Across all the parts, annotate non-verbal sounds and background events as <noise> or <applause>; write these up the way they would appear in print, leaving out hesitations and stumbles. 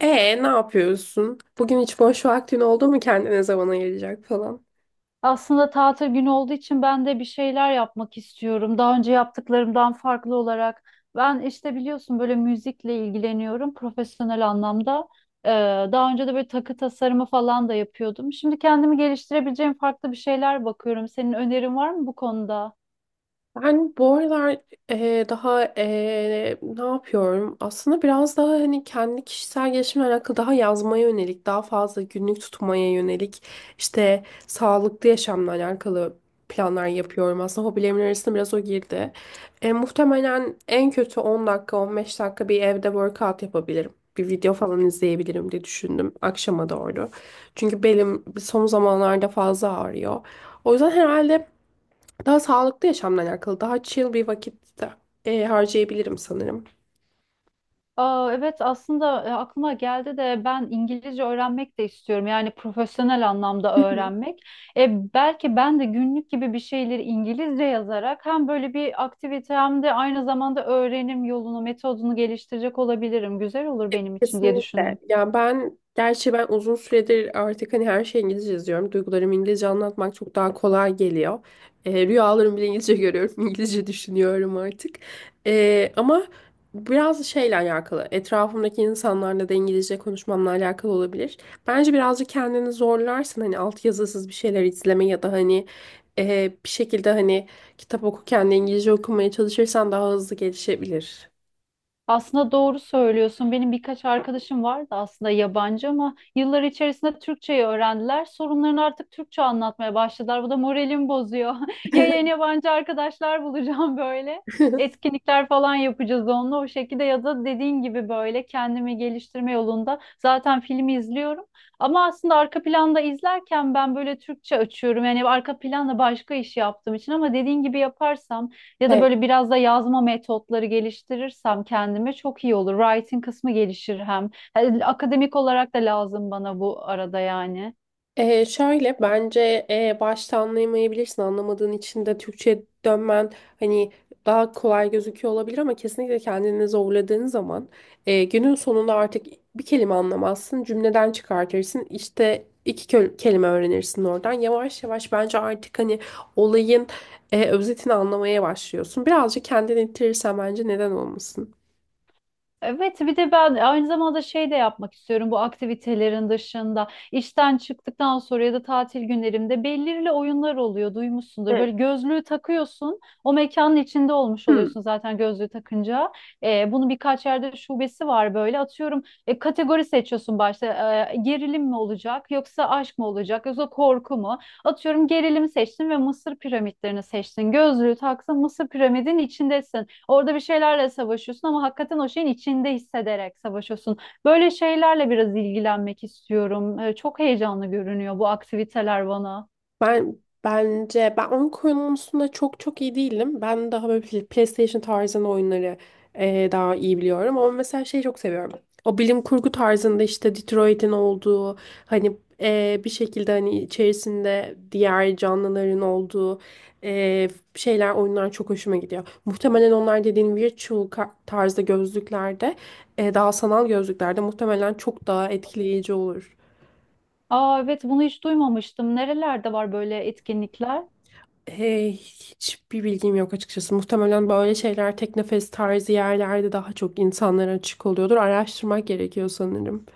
E ne yapıyorsun? Bugün hiç boş vaktin oldu mu kendine zaman ayıracak falan? Aslında tatil günü olduğu için ben de bir şeyler yapmak istiyorum. Daha önce yaptıklarımdan farklı olarak. Ben işte biliyorsun böyle müzikle ilgileniyorum profesyonel anlamda. Ee, daha önce de böyle takı tasarımı falan da yapıyordum. Şimdi kendimi geliştirebileceğim farklı bir şeyler bakıyorum. Senin önerin var mı bu konuda? Ben bu aralar daha ne yapıyorum? Aslında biraz daha hani kendi kişisel gelişimle alakalı daha yazmaya yönelik, daha fazla günlük tutmaya yönelik, işte sağlıklı yaşamla alakalı planlar yapıyorum. Aslında hobilerimin arasında biraz o girdi. Muhtemelen en kötü 10 dakika, 15 dakika bir evde workout yapabilirim. Bir video falan izleyebilirim diye düşündüm akşama doğru. Çünkü belim son zamanlarda fazla ağrıyor. O yüzden herhalde daha sağlıklı yaşamla alakalı, daha chill bir vakit de, harcayabilirim sanırım. Aa, evet aslında aklıma geldi de ben İngilizce öğrenmek de istiyorum. Yani profesyonel anlamda Hı hı. öğrenmek. Belki ben de günlük gibi bir şeyleri İngilizce yazarak hem böyle bir aktivite hem de aynı zamanda öğrenim yolunu, metodunu geliştirecek olabilirim. Güzel olur benim için diye Kesinlikle. düşündüm. Ya ben gerçi uzun süredir artık hani her şeyi İngilizce yazıyorum. Duygularımı İngilizce anlatmak çok daha kolay geliyor. Rüyalarımı bile İngilizce görüyorum. <laughs> İngilizce düşünüyorum artık. Ama biraz şeyle alakalı. Etrafımdaki insanlarla da İngilizce konuşmamla alakalı olabilir. Bence birazcık kendini zorlarsın. Hani altyazısız bir şeyler izleme ya da hani bir şekilde hani kitap okurken de İngilizce okumaya çalışırsan daha hızlı gelişebilir. Aslında doğru söylüyorsun. Benim birkaç arkadaşım vardı aslında yabancı ama yıllar içerisinde Türkçeyi öğrendiler. Sorunlarını artık Türkçe anlatmaya başladılar. Bu da moralimi bozuyor. <laughs> Ya yeni yabancı arkadaşlar bulacağım böyle. Etkinlikler falan yapacağız onunla o şekilde ya da dediğin gibi böyle kendimi geliştirme yolunda zaten filmi izliyorum. Ama aslında arka planda izlerken ben böyle Türkçe açıyorum. Yani arka planda başka iş yaptığım için ama dediğin gibi yaparsam ya da <laughs> <laughs> böyle biraz da yazma metotları geliştirirsem kendime çok iyi olur. Writing kısmı gelişir hem. Yani akademik olarak da lazım bana bu arada yani. Şöyle bence başta anlayamayabilirsin. Anlamadığın için de Türkçe'ye dönmen hani daha kolay gözüküyor olabilir ama kesinlikle kendini zorladığın zaman günün sonunda artık bir kelime anlamazsın. Cümleden çıkartırsın. İşte kelime öğrenirsin oradan. Yavaş yavaş bence artık hani olayın özetini anlamaya başlıyorsun. Birazcık kendini ittirirsen bence neden olmasın. Evet, bir de ben aynı zamanda şey de yapmak istiyorum bu aktivitelerin dışında. İşten çıktıktan sonra ya da tatil günlerimde belirli oyunlar oluyor, duymuşsundur. Evet. Böyle gözlüğü takıyorsun, o mekanın içinde olmuş oluyorsun zaten gözlüğü takınca. Bunun birkaç yerde şubesi var böyle. Atıyorum kategori seçiyorsun başta. Gerilim mi olacak, yoksa aşk mı olacak, yoksa korku mu? Atıyorum gerilimi seçtin ve Mısır piramitlerini seçtin. Gözlüğü taksın, Mısır piramidin içindesin. Orada bir şeylerle savaşıyorsun ama hakikaten o şeyin içinde hissederek savaşıyorsun. Böyle şeylerle biraz ilgilenmek istiyorum. Çok heyecanlı görünüyor bu aktiviteler bana. Ben bence ben oyun konusunda çok iyi değilim. Ben daha böyle PlayStation tarzında oyunları daha iyi biliyorum. Ama mesela şeyi çok seviyorum. O bilim kurgu tarzında işte Detroit'in olduğu hani bir şekilde hani içerisinde diğer canlıların olduğu eee, şeyler oyunlar çok hoşuma gidiyor. Muhtemelen onlar dediğin tarzda gözlüklerde daha sanal gözlüklerde muhtemelen çok daha etkileyici olur. Aa evet bunu hiç duymamıştım. Nerelerde var böyle etkinlikler? Hey, hiçbir bilgim yok açıkçası. Muhtemelen böyle şeyler teknofest tarzı yerlerde daha çok insanlara açık oluyordur. Araştırmak gerekiyor sanırım.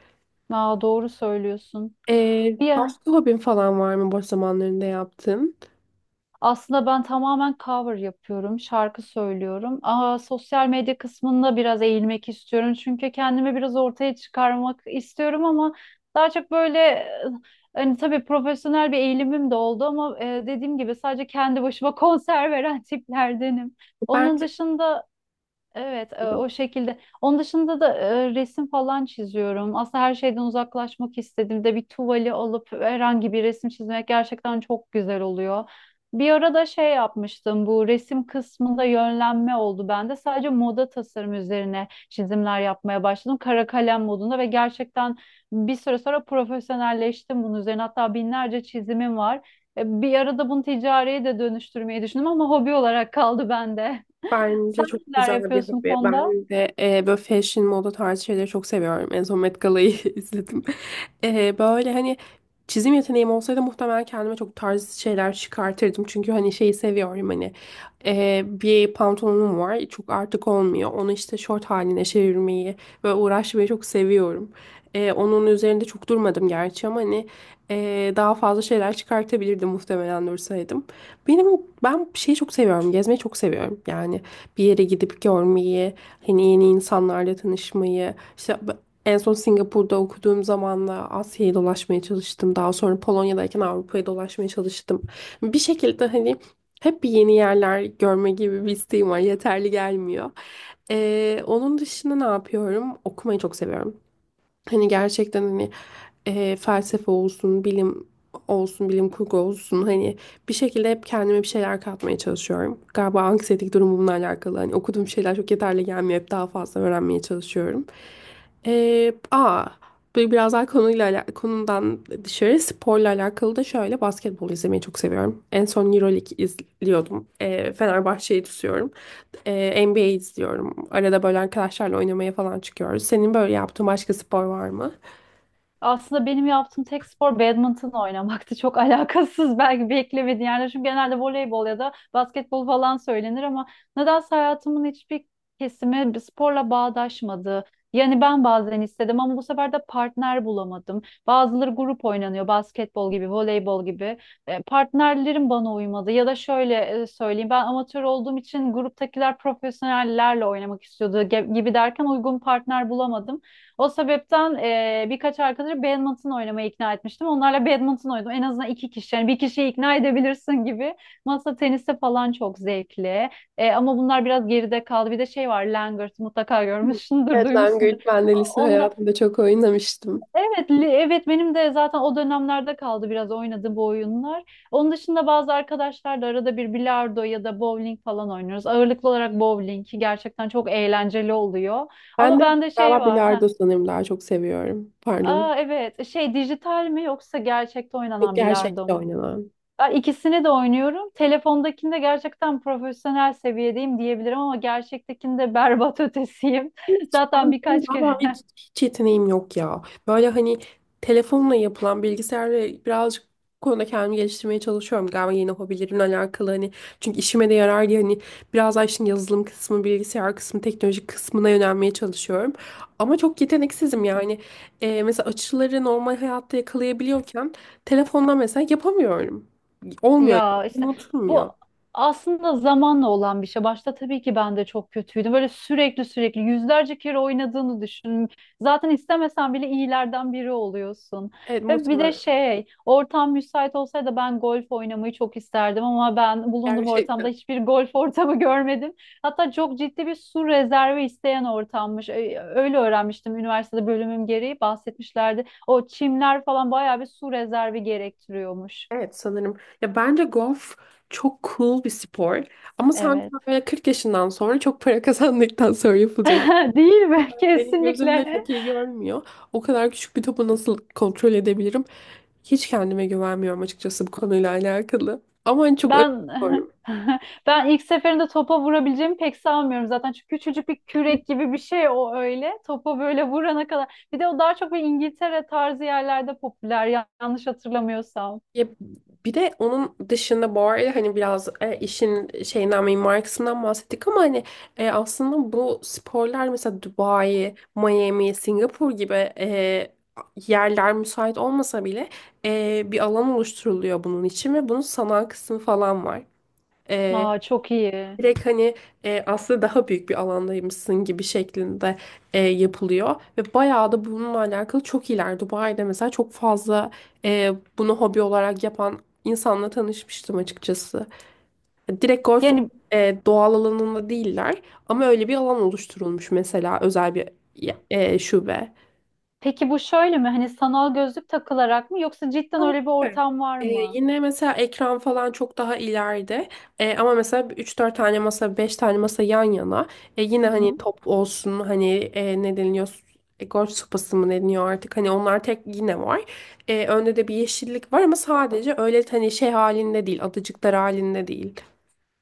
Aa doğru söylüyorsun. Bir Başka hobin falan var mı boş zamanlarında yaptığın? Aslında ben tamamen cover yapıyorum, şarkı söylüyorum. Aa, sosyal medya kısmında biraz eğilmek istiyorum. Çünkü kendimi biraz ortaya çıkarmak istiyorum ama daha çok böyle hani tabii profesyonel bir eğilimim de oldu ama dediğim gibi sadece kendi başıma <laughs> konser veren tiplerdenim. Onun Bence dışında Evet, o şekilde. Onun dışında da resim falan çiziyorum. Aslında her şeyden uzaklaşmak istediğimde bir tuvali alıp herhangi bir resim çizmek gerçekten çok güzel oluyor. Bir ara da şey yapmıştım, bu resim kısmında yönlenme oldu bende. Sadece moda tasarım üzerine çizimler yapmaya başladım. Kara kalem modunda ve gerçekten bir süre sonra profesyonelleştim bunun üzerine. Hatta binlerce çizimim var. Bir arada bunu ticariye de dönüştürmeyi düşündüm ama hobi olarak kaldı bende. Bence Sen çok neler güzel bir yapıyorsun bu hobi. konuda? Ben de böyle fashion, moda tarzı şeyleri çok seviyorum. En son Met Gala'yı <laughs> izledim. Böyle hani çizim yeteneğim olsaydı muhtemelen kendime çok tarz şeyler çıkartırdım. Çünkü hani şeyi seviyorum hani bir pantolonum var. Çok artık olmuyor. Onu işte şort haline çevirmeyi ve uğraşmayı çok seviyorum. Onun üzerinde çok durmadım gerçi ama hani daha fazla şeyler çıkartabilirdim muhtemelen dursaydım. Benim Ben şeyi çok seviyorum. Gezmeyi çok seviyorum. Yani bir yere gidip görmeyi, hani yeni insanlarla tanışmayı. İşte en son Singapur'da okuduğum zaman da Asya'yı dolaşmaya çalıştım. Daha sonra Polonya'dayken Avrupa'yı dolaşmaya çalıştım. Bir şekilde hani hep bir yeni yerler görme gibi bir isteğim var. Yeterli gelmiyor. Onun dışında ne yapıyorum? Okumayı çok seviyorum. Hani gerçekten hani felsefe olsun, bilim olsun, bilim kurgu olsun hani bir şekilde hep kendime bir şeyler katmaya çalışıyorum. Galiba anksiyetik durumumla alakalı hani okuduğum şeyler çok yeterli gelmiyor. Hep daha fazla öğrenmeye çalışıyorum. E, aa, Böyle biraz daha konudan dışarı sporla alakalı da şöyle basketbol izlemeyi çok seviyorum. En son Euroleague izliyordum. Fenerbahçe'yi tutuyorum. NBA izliyorum. Arada böyle arkadaşlarla oynamaya falan çıkıyoruz. Senin böyle yaptığın başka spor var mı? Aslında benim yaptığım tek spor badminton oynamaktı. Çok <laughs> alakasız belki beklemediğin yerler. Çünkü genelde voleybol ya da basketbol falan söylenir ama nedense hayatımın hiçbir kesimi bir sporla bağdaşmadı. Yani ben bazen istedim ama bu sefer de partner bulamadım. Bazıları grup oynanıyor, basketbol gibi, voleybol gibi. Partnerlerim bana uymadı. Ya da şöyle söyleyeyim, ben amatör olduğum için gruptakiler profesyonellerle oynamak istiyordu gibi derken uygun partner bulamadım. O sebepten birkaç arkadaşı badminton oynamaya ikna etmiştim. Onlarla badminton oynadım. En azından iki kişi. Yani bir kişiyi ikna edebilirsin gibi. Masa tenisi falan çok zevkli. Ama bunlar biraz geride kaldı. Bir de şey var, Langırt mutlaka görmüşsündür, Evet, duymuşsundur. langırt ben de lise Onda hayatımda çok oynamıştım. evet, evet benim de zaten o dönemlerde kaldı biraz oynadığım bu oyunlar. Onun dışında bazı arkadaşlarla arada bir bilardo ya da bowling falan oynuyoruz. Ağırlıklı olarak bowling gerçekten çok eğlenceli oluyor. Ben Ama de bende şey galiba var. <laughs> bilardo sanırım daha çok seviyorum. Pardon. Aa evet. Şey dijital mi yoksa gerçekte Çok oynanan bilardo gerçekçi mu? oynanan. Ben ikisini de oynuyorum. Telefondakinde gerçekten profesyonel seviyedeyim diyebilirim ama gerçektekinde berbat ötesiyim. <laughs> Hiç- Zaten Benim birkaç kere vallahi hiç yeteneğim yok ya. Böyle hani telefonla yapılan bilgisayarla birazcık bu konuda kendimi geliştirmeye çalışıyorum. Galiba yeni hobilerimle alakalı hani çünkü işime de yarar diye hani biraz daha işin yazılım kısmı, bilgisayar kısmı, teknoloji kısmına yönelmeye çalışıyorum. Ama çok yeteneksizim <laughs> yani. Mesela açıları normal hayatta yakalayabiliyorken telefonla mesela yapamıyorum. Olmuyor Ya yani. işte bu Unutulmuyor. aslında zamanla olan bir şey. Başta tabii ki ben de çok kötüydüm. Böyle sürekli yüzlerce kere oynadığını düşün. Zaten istemesen bile iyilerden biri oluyorsun. Evet Ve bir de muhtemelen. şey, ortam müsait olsaydı ben golf oynamayı çok isterdim ama ben bulunduğum ortamda Gerçekten. hiçbir golf ortamı <laughs> görmedim. Hatta çok ciddi bir su rezervi isteyen ortammış. Öyle öğrenmiştim üniversitede bölümüm gereği bahsetmişlerdi. O çimler falan bayağı bir su rezervi gerektiriyormuş. Evet sanırım. Ya bence golf çok cool bir spor. Ama sanki Evet. böyle 40 yaşından sonra çok para <laughs> kazandıktan sonra yapılacak. <laughs> Değil mi? <laughs> Benim gözümde Kesinlikle. çok iyi görmüyor. O kadar küçük bir topu nasıl kontrol edebilirim? Hiç kendime güvenmiyorum açıkçası bu konuyla alakalı. Ama hani çok Ben özgür. <laughs> Ben ilk seferinde topa vurabileceğimi pek sanmıyorum zaten. Çünkü küçücük bir kürek gibi bir şey o öyle. Topa böyle vurana kadar. Bir de o daha çok bir İngiltere tarzı yerlerde popüler yanlış hatırlamıyorsam. Ya bir de onun dışında bu arada hani biraz işin şeyinden mimari kısmından bahsettik ama hani aslında bu sporlar mesela Dubai, Miami, Singapur gibi yerler müsait olmasa bile bir alan oluşturuluyor bunun için ve bunun sanal kısmı falan var. E, Aa çok iyi. Direkt hani aslında daha büyük bir alandaymışsın gibi şeklinde yapılıyor. Ve bayağı da bununla alakalı çok iyiler. Dubai'de mesela çok fazla e, bunu hobi olarak yapan insanla tanışmıştım açıkçası. Direkt golf Yani doğal alanında değiller ama öyle bir alan oluşturulmuş mesela özel bir şube. peki bu şöyle mi? Hani sanal gözlük takılarak mı yoksa cidden Ama öyle bir süper. ortam var mı? Yine mesela ekran falan çok daha ileride. Ama mesela üç dört tane masa, 5 tane masa yan yana. Yine hani top olsun hani ne deniliyor? Golf sopası mı deniyor artık? Hani onlar tek yine var. Önde de bir yeşillik var ama sadece öyle hani şey halinde değil, adacıklar halinde değil.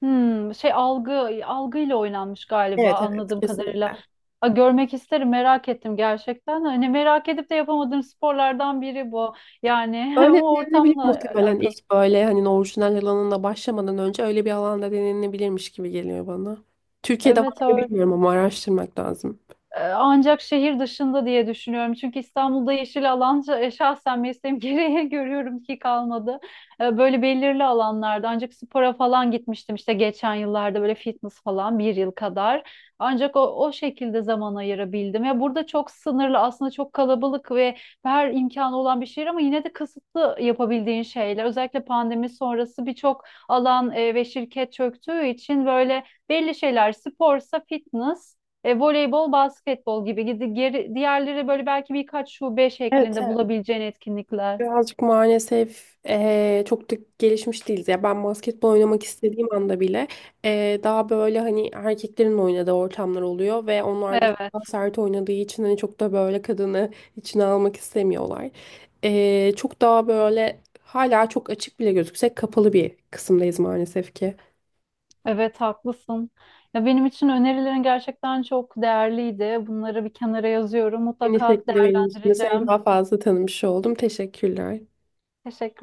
Hmm, şey algıyla oynanmış galiba Evet evet. anladığım kadarıyla. Kesinlikle. A, görmek isterim merak ettim gerçekten. Hani merak edip de yapamadığım sporlardan biri bu. Yani <laughs> Öyle o denenebilir ortamla muhtemelen alakalı. ilk böyle hani orijinal alanında başlamadan önce öyle bir alanda denenebilirmiş gibi geliyor bana. Türkiye'de var Evet mı öyle. bilmiyorum ama araştırmak lazım. Ancak şehir dışında diye düşünüyorum. Çünkü İstanbul'da yeşil alan şahsen mesleğim <laughs> gereği görüyorum ki kalmadı. Böyle belirli alanlarda ancak spora falan gitmiştim işte geçen yıllarda böyle fitness falan bir yıl kadar. Ancak o, O şekilde zaman ayırabildim. Ya burada çok sınırlı aslında çok kalabalık ve her imkanı olan bir şehir ama yine de kısıtlı yapabildiğin şeyler. Özellikle pandemi sonrası birçok alan ve şirket çöktüğü için böyle belli şeyler sporsa fitness voleybol, basketbol gibi gidi geri, diğerleri böyle belki birkaç şube Evet. şeklinde Evet. bulabileceğin etkinlikler. Birazcık maalesef çok da gelişmiş değiliz. Ya ben basketbol oynamak istediğim anda bile daha böyle hani erkeklerin oynadığı ortamlar oluyor ve onlar da çok daha Evet, sert oynadığı için hani çok da böyle kadını içine almak istemiyorlar. Çok daha böyle hala çok açık bile gözüksek kapalı bir kısımdayız maalesef ki. evet haklısın. Ya benim için önerilerin gerçekten çok değerliydi. Bunları bir kenara yazıyorum. Aynı Mutlaka şekilde benim için de seni değerlendireceğim. daha fazla tanımış oldum. Teşekkürler. Teşekkür